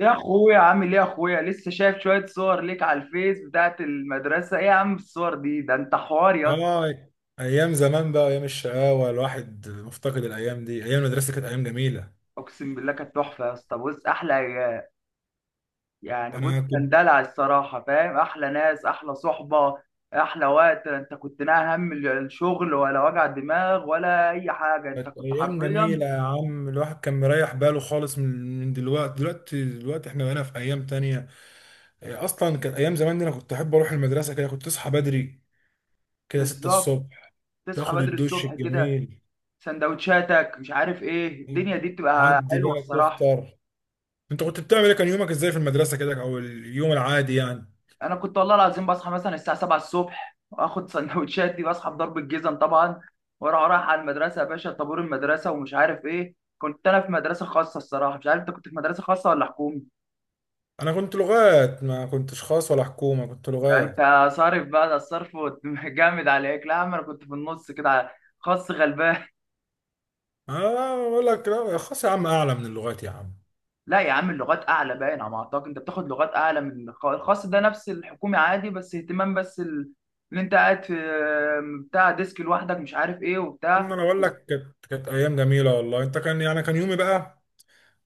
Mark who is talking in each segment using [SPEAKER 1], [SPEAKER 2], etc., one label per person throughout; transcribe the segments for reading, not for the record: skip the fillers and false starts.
[SPEAKER 1] يا اخويا، عامل ايه يا اخويا؟ لسه شايف شويه صور ليك على الفيس بتاعت المدرسه. ايه يا عم الصور دي، ده انت حوار يا اسطى.
[SPEAKER 2] اه، ايام زمان بقى، ايام الشقاوه، الواحد مفتقد الايام دي. ايام المدرسه كانت ايام جميله.
[SPEAKER 1] اقسم بالله كانت تحفه يا اسطى. بص احلى عيال. يعني بص
[SPEAKER 2] انا كنت
[SPEAKER 1] كان دلع الصراحه، فاهم؟ احلى ناس، احلى صحبه، احلى وقت. انت كنت لا هم الشغل ولا وجع دماغ ولا اي حاجه، انت
[SPEAKER 2] كانت
[SPEAKER 1] كنت
[SPEAKER 2] ايام
[SPEAKER 1] حرفيا.
[SPEAKER 2] جميله يا عم. الواحد كان مريح باله خالص من دلوقتي. احنا بقينا في ايام تانية. اصلا كانت ايام زمان دي، انا كنت احب اروح المدرسه. كده كنت تصحى بدري، كده 6
[SPEAKER 1] بالظبط.
[SPEAKER 2] الصبح،
[SPEAKER 1] تصحى
[SPEAKER 2] تاخد
[SPEAKER 1] بدري
[SPEAKER 2] الدش
[SPEAKER 1] الصبح كده،
[SPEAKER 2] الجميل،
[SPEAKER 1] سندوتشاتك، مش عارف ايه، الدنيا دي بتبقى
[SPEAKER 2] تعدي
[SPEAKER 1] حلوه
[SPEAKER 2] بقى
[SPEAKER 1] الصراحه.
[SPEAKER 2] تفطر. انت كنت بتعمل ايه؟ كان يومك ازاي في المدرسه كده، او اليوم العادي يعني؟
[SPEAKER 1] انا كنت والله العظيم بصحى مثلا الساعه 7 الصبح، واخد سندوتشات دي، بصحى بضرب الجزم طبعا، واروح رايح على المدرسه يا باشا، طابور المدرسه ومش عارف ايه. كنت انا في مدرسه خاصه الصراحه، مش عارف انت كنت في مدرسه خاصه ولا حكومي.
[SPEAKER 2] انا كنت لغات، ما كنتش خاص ولا حكومه، كنت
[SPEAKER 1] ده
[SPEAKER 2] لغات.
[SPEAKER 1] انت صارف بقى، ده الصرف. جامد عليك. لا يا عم انا كنت في النص كده، خاص غلبان.
[SPEAKER 2] اه بقول لك، لا خلاص يا عم، اعلى من اللغات يا عم.
[SPEAKER 1] لا يا عم اللغات اعلى باين على ما اعتقد، انت بتاخد لغات اعلى من الخاص، ده نفس الحكومي عادي، بس اهتمام، بس اللي انت قاعد في بتاع ديسك لوحدك، مش عارف ايه،
[SPEAKER 2] إن
[SPEAKER 1] وبتاع.
[SPEAKER 2] انا بقول لك كانت ايام جميله والله. انت كان يعني كان يومي بقى،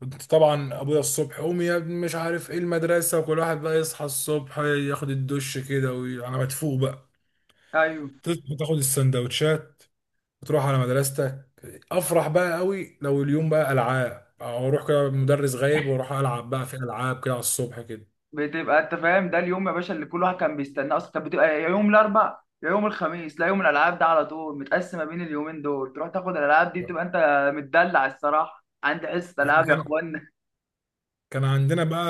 [SPEAKER 2] كنت طبعا ابويا الصبح قوم يا ابني مش عارف ايه المدرسه، وكل واحد بقى يصحى الصبح ياخد الدش كده، وانا مدفوق بقى
[SPEAKER 1] ايوه.
[SPEAKER 2] تصحى تاخد السندوتشات وتروح على مدرستك. افرح بقى قوي لو اليوم بقى العاب، او اروح كده مدرس غايب واروح العب بقى في العاب كده على الصبح كده.
[SPEAKER 1] بتبقى انت فاهم؟ ده اليوم يا باشا اللي كل واحد كان بيستناه، اصلا كانت بتبقى يا يوم الاربع يا يوم الخميس. لا، يوم الالعاب ده على طول متقسمه بين اليومين دول، تروح تاخد الالعاب دي، تبقى انت متدلع الصراحه. عندي حصه
[SPEAKER 2] احنا
[SPEAKER 1] العاب يا
[SPEAKER 2] كان
[SPEAKER 1] اخوانا.
[SPEAKER 2] كان عندنا بقى،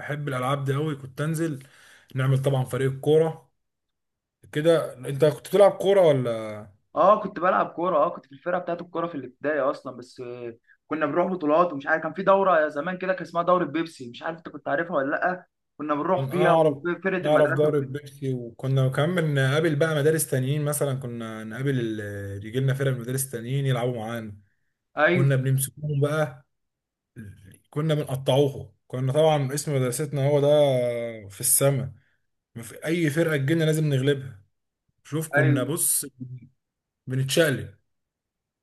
[SPEAKER 2] احب الالعاب دي قوي، كنت انزل نعمل طبعا فريق الكوره. كده انت كنت بتلعب كوره ولا؟
[SPEAKER 1] اه كنت بلعب كوره، اه كنت في الفرقه بتاعت الكوره في الابتدائي اصلا، بس كنا بنروح بطولات ومش عارف، كان في دوره زمان كده كان اسمها دوره بيبسي، مش عارف انت كنت عارفها ولا لا. كنا بنروح
[SPEAKER 2] كان
[SPEAKER 1] فيها
[SPEAKER 2] اعرف،
[SPEAKER 1] وفرقه
[SPEAKER 2] اعرف
[SPEAKER 1] المدرسه وكده.
[SPEAKER 2] ضارب بيبسي. وكنا كمان نقابل بقى مدارس تانيين، مثلا كنا نقابل يجي لنا فرق من مدارس تانيين يلعبوا معانا.
[SPEAKER 1] ايوه،
[SPEAKER 2] كنا بنمسكوهم بقى، كنا بنقطعوهم. كنا طبعا اسم مدرستنا هو ده في السماء، ما في اي فرقه تجيلنا لازم نغلبها. شوف كنا
[SPEAKER 1] ايوه.
[SPEAKER 2] بص بنتشقلب.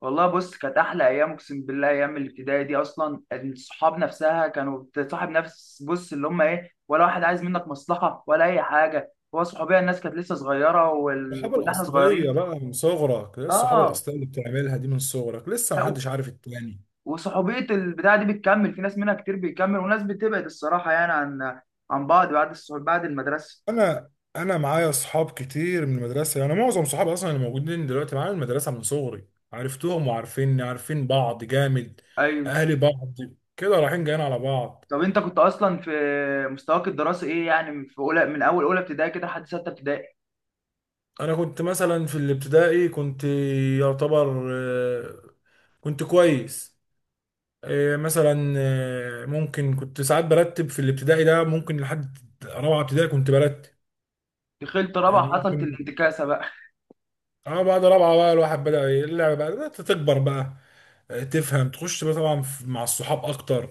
[SPEAKER 1] والله بص كانت احلى ايام اقسم بالله. ايام الابتدائي دي اصلا، الصحاب نفسها كانوا بتصاحب نفس، بص اللي هم ايه، ولا واحد عايز منك مصلحه ولا اي حاجه، هو صحوبيه. الناس كانت لسه صغيره
[SPEAKER 2] الصحابة
[SPEAKER 1] وكنا احنا
[SPEAKER 2] الأصلية
[SPEAKER 1] صغيرين.
[SPEAKER 2] بقى من صغرك، إيه الصحابة
[SPEAKER 1] اه.
[SPEAKER 2] الأصلية اللي بتعملها دي من صغرك، لسه
[SPEAKER 1] لا، و-
[SPEAKER 2] محدش عارف التاني.
[SPEAKER 1] وصحوبيه البتاعه دي بتكمل في ناس، منها كتير بيكمل وناس بتبعد الصراحه، يعني عن بعض بعد الصحوب بعد المدرسه.
[SPEAKER 2] أنا أنا معايا أصحاب كتير من المدرسة، يعني معظم صحابي أصلا اللي موجودين دلوقتي معايا من المدرسة، من صغري عرفتهم وعارفيني، عارفين بعض جامد،
[SPEAKER 1] ايوه.
[SPEAKER 2] أهلي بعض، كده رايحين جايين على بعض.
[SPEAKER 1] طب انت كنت اصلا في مستواك الدراسي ايه؟ يعني في اولى، من اول اولى ابتدائي كده لحد سته ابتدائي.
[SPEAKER 2] أنا كنت مثلا في الابتدائي كنت يعتبر كنت كويس. مثلا ممكن كنت ساعات برتب في الابتدائي ده، ممكن لحد رابعة ابتدائي كنت برتب
[SPEAKER 1] دخلت رابعه حصلت
[SPEAKER 2] ممكن.
[SPEAKER 1] الانتكاسه بقى.
[SPEAKER 2] اه بعد رابعه بقى الواحد بدأ اللعبه بقى بدأت تكبر بقى. تفهم تخش بقى طبعا مع الصحاب اكتر.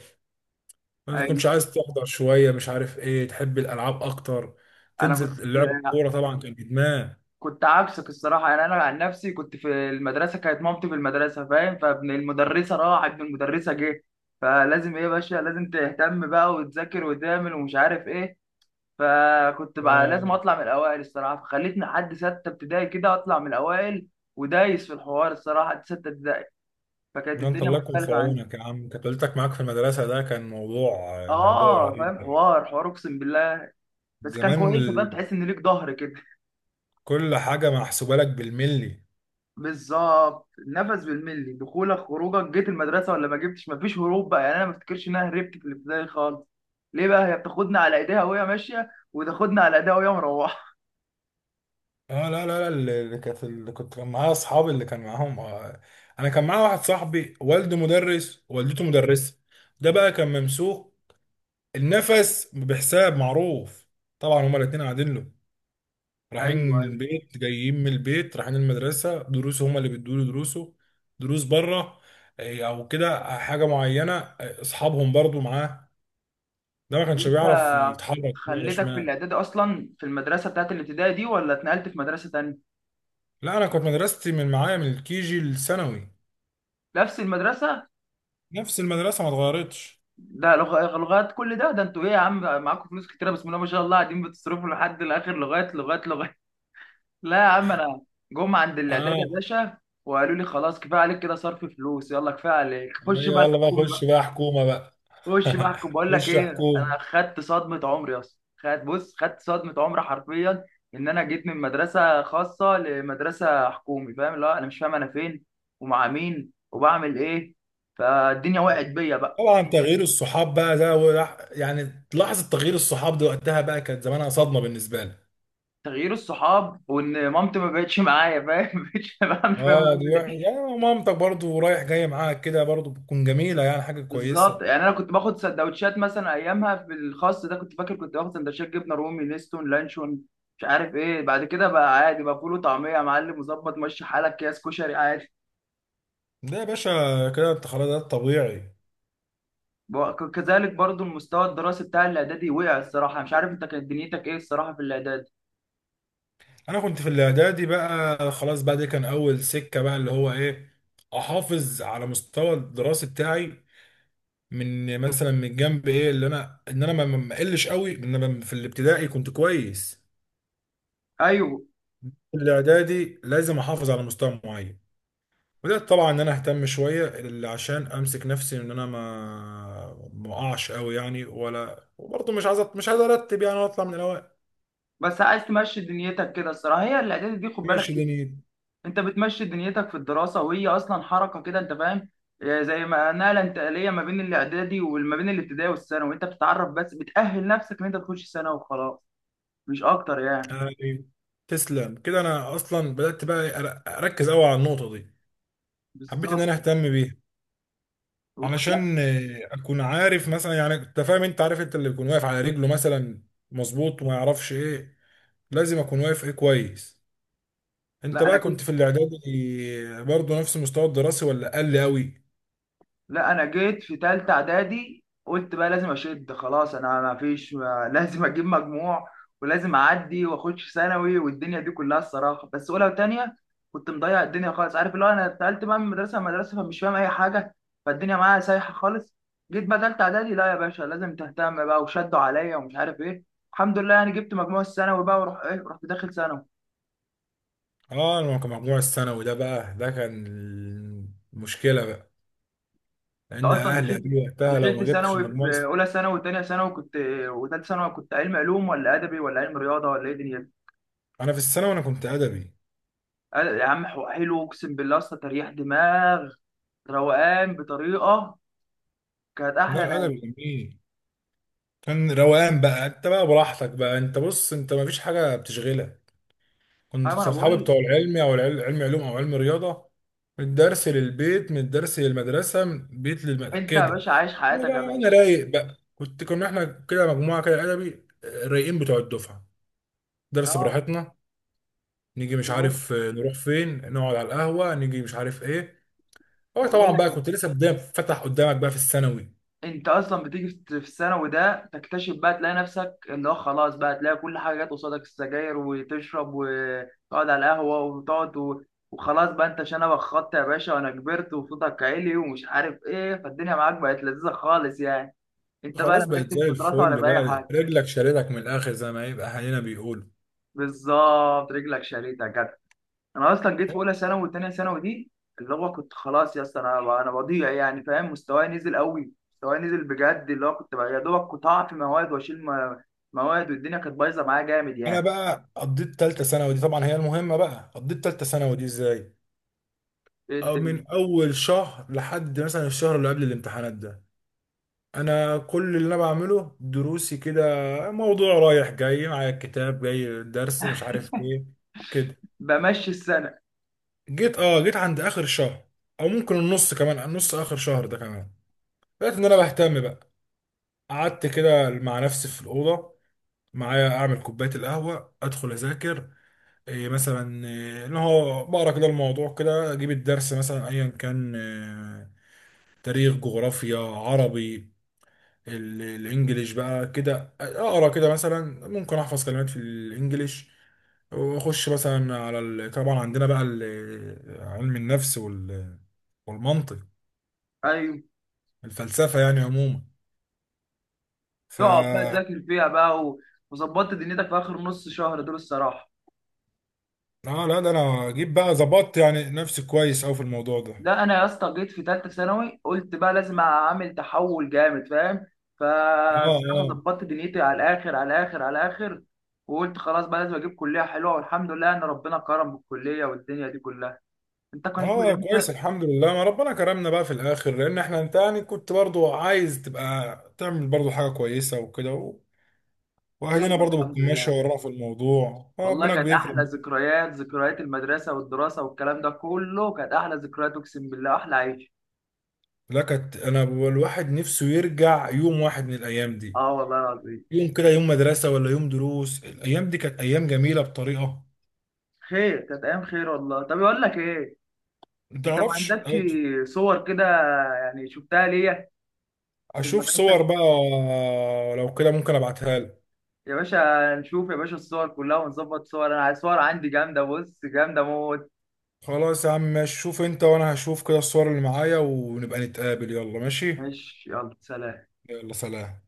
[SPEAKER 2] ما تكونش عايز تحضر شويه، مش عارف ايه، تحب الالعاب اكتر،
[SPEAKER 1] انا كنت
[SPEAKER 2] تنزل اللعب الكوره طبعا كان ادمان.
[SPEAKER 1] كنت عكسك الصراحه، يعني انا عن نفسي كنت في المدرسه، كانت مامتي في المدرسه فاهم، فابن المدرسه راح ابن المدرسه جه، فلازم ايه يا باشا، لازم تهتم بقى وتذاكر وتعمل ومش عارف ايه. فكنت بقى لازم
[SPEAKER 2] آه،
[SPEAKER 1] اطلع من الاوائل الصراحه، فخلتني لحد سته ابتدائي كده اطلع من الاوائل، ودايس في الحوار الصراحه لحد سته ابتدائي. فكانت
[SPEAKER 2] ده انت
[SPEAKER 1] الدنيا
[SPEAKER 2] الله يكون في
[SPEAKER 1] مختلفه عندي.
[SPEAKER 2] عونك يا عم، كانت والدتك معاك في المدرسه، ده كان موضوع، موضوع
[SPEAKER 1] اه
[SPEAKER 2] رهيب
[SPEAKER 1] فاهم،
[SPEAKER 2] يعني.
[SPEAKER 1] حوار حوار اقسم بالله. بس كان
[SPEAKER 2] زمان
[SPEAKER 1] كويس فاهم، تحس ان ليك ظهر كده.
[SPEAKER 2] كل حاجه محسوبه لك بالملي.
[SPEAKER 1] بالظبط، نفس بالملي، دخولك خروجك، جيت المدرسه ولا ما جبتش، مفيش هروب بقى يعني، انا ما افتكرش ان انا هربت في الابتدائي خالص. ليه بقى؟ هي بتاخدنا على ايديها وهي ماشيه، وتاخدنا على ايديها وهي مروحه.
[SPEAKER 2] اه لا لا لا، اللي كانت اللي كنت كان معايا اصحابي اللي كان معاهم انا كان معايا واحد صاحبي والده مدرس والدته مدرسه، ده بقى كان ممسوك، النفس بحساب معروف. طبعا هما الاتنين قاعدين له،
[SPEAKER 1] ايوه،
[SPEAKER 2] رايحين من
[SPEAKER 1] أيوة.
[SPEAKER 2] البيت جايين من البيت، رايحين المدرسه، دروسه هما اللي بيدوا له دروسه، دروس بره او كده، حاجه معينه، اصحابهم برضو معاه. ده ما كانش
[SPEAKER 1] انت
[SPEAKER 2] بيعرف يتحرك يمين ولا
[SPEAKER 1] خليتك في
[SPEAKER 2] شمال.
[SPEAKER 1] الاعدادي اصلا في المدرسه بتاعت الابتدائي دي ولا اتنقلت في مدرسه تانية؟
[SPEAKER 2] لا، انا كنت مدرستي من معايا من الكيجي للثانوي،
[SPEAKER 1] نفس المدرسه.
[SPEAKER 2] نفس المدرسه ما اتغيرتش.
[SPEAKER 1] ده لغات، كل ده؟ ده انتوا ايه يا عم، معاكم فلوس كتيره بسم الله ما شاء الله، قاعدين بتصرفوا لحد الاخر، لغايه لغايه لغايه. لا يا عم، انا جم عند الاعداد يا
[SPEAKER 2] اه.
[SPEAKER 1] باشا، وقالوا لي خلاص كفايه عليك كده صرف فلوس، يلا كفايه عليك،
[SPEAKER 2] أيوة،
[SPEAKER 1] خش بقى
[SPEAKER 2] يلا بقى
[SPEAKER 1] الحكومي
[SPEAKER 2] خش
[SPEAKER 1] بقى.
[SPEAKER 2] بقى حكومه بقى.
[SPEAKER 1] خش بقى احكم، بقول لك
[SPEAKER 2] خش
[SPEAKER 1] ايه،
[SPEAKER 2] حكومه.
[SPEAKER 1] انا خدت صدمه عمري يا اسطى، خدت، بص خدت صدمه عمري حرفيا، ان انا جيت من مدرسه خاصه لمدرسه حكومي فاهم. لا انا مش فاهم انا فين ومع مين وبعمل ايه، فالدنيا وقعت بيا بقى.
[SPEAKER 2] طبعا تغيير الصحاب بقى ده يعني لحظه تغيير الصحاب دي وقتها بقى كانت زمانها صدمه بالنسبه لي.
[SPEAKER 1] تغيير الصحاب، وان مامتي ما بقتش معايا فاهم، مش فاهم مش فاهم
[SPEAKER 2] اه دي
[SPEAKER 1] اعمل ايه.
[SPEAKER 2] يعني مامتك برضو رايح جاي معاك كده، برضو بتكون جميله يعني، حاجه
[SPEAKER 1] بالظبط.
[SPEAKER 2] كويسه.
[SPEAKER 1] يعني انا كنت باخد سندوتشات مثلا ايامها في الخاص ده، كنت فاكر كنت باخد سندوتشات جبنه رومي نستون لانشون مش عارف ايه. بعد كده بقى عادي بقى، فول وطعميه يا معلم، مظبط ماشي حالك، اكياس كشري عادي.
[SPEAKER 2] ده يا باشا كده انت خلاص، ده الطبيعي.
[SPEAKER 1] كذلك برضو المستوى الدراسي بتاع الاعدادي وقع الصراحه، مش عارف انت كانت دنيتك ايه الصراحه في الاعدادي.
[SPEAKER 2] انا كنت في الاعدادي بقى خلاص بقى، دي كان اول سكه بقى اللي هو ايه، احافظ على مستوى الدراسي بتاعي. من مثلا من جنب ايه اللي انا ان انا ما اقلش قوي ان انا في الابتدائي كنت كويس.
[SPEAKER 1] ايوه.
[SPEAKER 2] في الاعدادي لازم احافظ على مستوى معين. بدات طبعا ان انا اهتم شويه، اللي عشان امسك نفسي ان انا ما اقعش قوي يعني، ولا وبرضه مش عايز ارتب يعني واطلع من الاوائل.
[SPEAKER 1] بس عايز تمشي دنيتك كده الصراحه، هي الاعدادي دي خد بالك،
[SPEAKER 2] ماشي دنيتي
[SPEAKER 1] انت بتمشي دنيتك في الدراسه، وهي اصلا حركه كده انت فاهم، زي ما نقله انتقاليه ما بين الاعدادي وما بين الابتدائي والثانوي، انت بتتعرف بس بتاهل نفسك ان انت تخش ثانوي وخلاص، مش اكتر يعني.
[SPEAKER 2] يعني. تسلم كده، انا اصلا بدات بقى اركز قوي على النقطه دي. حبيت ان انا
[SPEAKER 1] بالظبط.
[SPEAKER 2] اهتم بيها
[SPEAKER 1] لا
[SPEAKER 2] علشان اكون عارف مثلا، يعني انت فاهم، انت عارف انت اللي يكون واقف على رجله مثلا مظبوط، وما يعرفش ايه. لازم اكون واقف ايه كويس. انت
[SPEAKER 1] لا،
[SPEAKER 2] بقى كنت في الاعدادي برضه نفس المستوى الدراسي ولا اقل قوي؟
[SPEAKER 1] انا جيت في تالتة اعدادي قلت بقى لازم اشد، خلاص انا ما فيش، ما لازم اجيب مجموع ولازم اعدي واخش ثانوي، والدنيا دي كلها الصراحه بس اولى وتانية كنت مضيع الدنيا خالص، عارف اللي هو انا اتنقلت بقى من مدرسه لمدرسه فمش فاهم اي حاجه، فالدنيا معايا سايحه خالص. جيت بقى تالتة اعدادي، لا يا باشا لازم تهتم بقى، وشدوا عليا ومش عارف ايه، الحمد لله يعني جبت مجموع الثانوي بقى، وروح ايه، رحت داخل ثانوي.
[SPEAKER 2] اه انا كان مجموع الثانوي ده بقى، ده كان المشكله بقى،
[SPEAKER 1] انت
[SPEAKER 2] لان
[SPEAKER 1] اصلا
[SPEAKER 2] اهلي قالوا
[SPEAKER 1] دخلت
[SPEAKER 2] لي وقتها لو
[SPEAKER 1] دخلت
[SPEAKER 2] ما جبتش
[SPEAKER 1] ثانوي،
[SPEAKER 2] المجموع
[SPEAKER 1] في اولى ثانوي وثانيه ثانوي كنت، وثالثه ثانوي، كنت علم علوم ولا ادبي ولا علم رياضه ولا ايه دنيا؟
[SPEAKER 2] انا في الثانوي انا كنت ادبي.
[SPEAKER 1] يا عم حلو اقسم بالله، اصلا تريح دماغ، روقان بطريقه، كانت
[SPEAKER 2] لا
[SPEAKER 1] احلى ناس.
[SPEAKER 2] الادبي جميل، كان روقان بقى، انت بقى براحتك بقى، انت بص انت ما فيش حاجه بتشغلك. كنت
[SPEAKER 1] ايوه انا
[SPEAKER 2] صحابي
[SPEAKER 1] بقول.
[SPEAKER 2] بتوع العلمي او علم علوم او علم رياضه. من الدرس للبيت، من الدرس للمدرسه، من البيت للمدرسه
[SPEAKER 1] انت يا
[SPEAKER 2] كده.
[SPEAKER 1] باشا عايش
[SPEAKER 2] لا
[SPEAKER 1] حياتك يا
[SPEAKER 2] بقى انا
[SPEAKER 1] باشا.
[SPEAKER 2] رايق بقى، كنت كنا احنا كده مجموعه كده ادبي رايقين بتوع الدفعه، درس
[SPEAKER 1] اه.
[SPEAKER 2] براحتنا، نيجي مش
[SPEAKER 1] بروح.
[SPEAKER 2] عارف نروح فين، نقعد على القهوه، نيجي مش عارف ايه. هو
[SPEAKER 1] ما
[SPEAKER 2] طبعا
[SPEAKER 1] بقول لك،
[SPEAKER 2] بقى كنت لسه بدايه فتح قدامك بقى في الثانوي،
[SPEAKER 1] انت اصلا بتيجي في الثانوي ده تكتشف بقى، تلاقي نفسك اللي هو خلاص بقى، تلاقي كل حاجه جت قصادك، السجاير وتشرب وتقعد على القهوه وتقعد وخلاص بقى، انت شنبك خط يا باشا وانا كبرت وصوتك عالي ومش عارف ايه، فالدنيا معاك بقت لذيذه خالص يعني، انت بقى لا
[SPEAKER 2] خلاص بقت
[SPEAKER 1] مركز
[SPEAKER 2] زي
[SPEAKER 1] في دراسه ولا
[SPEAKER 2] الفل
[SPEAKER 1] في اي
[SPEAKER 2] بقى،
[SPEAKER 1] حاجه.
[SPEAKER 2] رجلك شالتك من الاخر زي ما يبقى اهالينا بيقولوا.
[SPEAKER 1] بالظبط، رجلك شريطه. انا اصلا جيت في اولى ثانوي وثانيه ثانوي دي، اللي هو كنت خلاص يا اسطى، انا بضيع يعني فاهم، مستواي نزل قوي، مستواي نزل بجد، اللي هو كنت بقى يا دوبك كنت هقع في مواد واشيل مواد، والدنيا كانت بايظه معايا جامد
[SPEAKER 2] انا
[SPEAKER 1] يعني.
[SPEAKER 2] بقى قضيت تالتة ثانوي دي طبعا هي المهمة، بقى قضيت تالتة ثانوي دي ازاي؟
[SPEAKER 1] إيه
[SPEAKER 2] أو
[SPEAKER 1] الدنيا.
[SPEAKER 2] من أول شهر لحد مثلا الشهر اللي قبل الامتحانات ده، أنا كل اللي أنا بعمله دروسي كده، موضوع رايح جاي معايا الكتاب جاي الدرس مش عارف إيه كده.
[SPEAKER 1] بمشي السنه.
[SPEAKER 2] جيت أه جيت عند آخر شهر، أو ممكن النص، كمان النص آخر شهر ده كمان، لقيت إن أنا بهتم بقى. قعدت كده مع نفسي في الأوضة، معايا أعمل كوباية القهوة، أدخل أذاكر، إيه مثلا، إيه اللي هو بقرا كده الموضوع كده، أجيب الدرس مثلا أيا كان، إيه تاريخ جغرافيا عربي، الانجليش بقى كده اقرا كده، مثلا ممكن احفظ كلمات في الانجليش، واخش مثلا على ال... طبعا عندنا بقى علم النفس وال... والمنطق،
[SPEAKER 1] ايوه.
[SPEAKER 2] الفلسفه يعني عموما. ف
[SPEAKER 1] تقعد بقى تذاكر فيها بقى وظبطت دنيتك في اخر نص شهر دول الصراحه.
[SPEAKER 2] اه لا ده انا جيت بقى ظبطت يعني نفسي كويس اوي في الموضوع ده.
[SPEAKER 1] لا انا يا اسطى جيت في ثالثه ثانوي قلت بقى لازم اعمل تحول جامد فاهم،
[SPEAKER 2] اه
[SPEAKER 1] فالصراحه
[SPEAKER 2] اه.
[SPEAKER 1] ظبطت دنيتي على الاخر على الاخر على الاخر، وقلت خلاص بقى لازم اجيب كليه حلوه، والحمد لله ان ربنا كرم بالكليه والدنيا دي كلها. انت كان كل
[SPEAKER 2] اه كويس،
[SPEAKER 1] انت
[SPEAKER 2] الحمد لله ما ربنا كرمنا بقى في الاخر، لان احنا انت يعني كنت برضو عايز تبقى تعمل برضو حاجه كويسه وكده، واهلنا
[SPEAKER 1] يلا
[SPEAKER 2] برضه
[SPEAKER 1] الحمد
[SPEAKER 2] بتكون ماشيه
[SPEAKER 1] لله.
[SPEAKER 2] ورانا في الموضوع،
[SPEAKER 1] والله
[SPEAKER 2] ربنا
[SPEAKER 1] كانت احلى
[SPEAKER 2] بيكرم.
[SPEAKER 1] ذكريات، ذكريات المدرسه والدراسه والكلام ده كله، كانت احلى ذكريات اقسم بالله، احلى عيش.
[SPEAKER 2] لا كانت، انا الواحد نفسه يرجع يوم واحد من الايام دي،
[SPEAKER 1] اه والله العظيم.
[SPEAKER 2] يوم كده، يوم مدرسه ولا يوم دروس، الايام دي كانت ايام جميله بطريقه
[SPEAKER 1] خير كانت ايام خير والله. طب اقول لك ايه،
[SPEAKER 2] ما
[SPEAKER 1] انت ما
[SPEAKER 2] تعرفش.
[SPEAKER 1] عندكش صور كده؟ يعني شفتها ليا في
[SPEAKER 2] اشوف صور
[SPEAKER 1] المدرسه.
[SPEAKER 2] بقى؟ لو كده ممكن ابعتها لك.
[SPEAKER 1] يا باشا نشوف يا باشا الصور كلها ونظبط صور، انا عايز صور عندي جامده بص، جامده موت.
[SPEAKER 2] خلاص يا عم ماشي، شوف انت وانا هشوف كده الصور اللي معايا، ونبقى نتقابل، يلا ماشي.
[SPEAKER 1] ماشي، يلا سلام.
[SPEAKER 2] يلا سلام.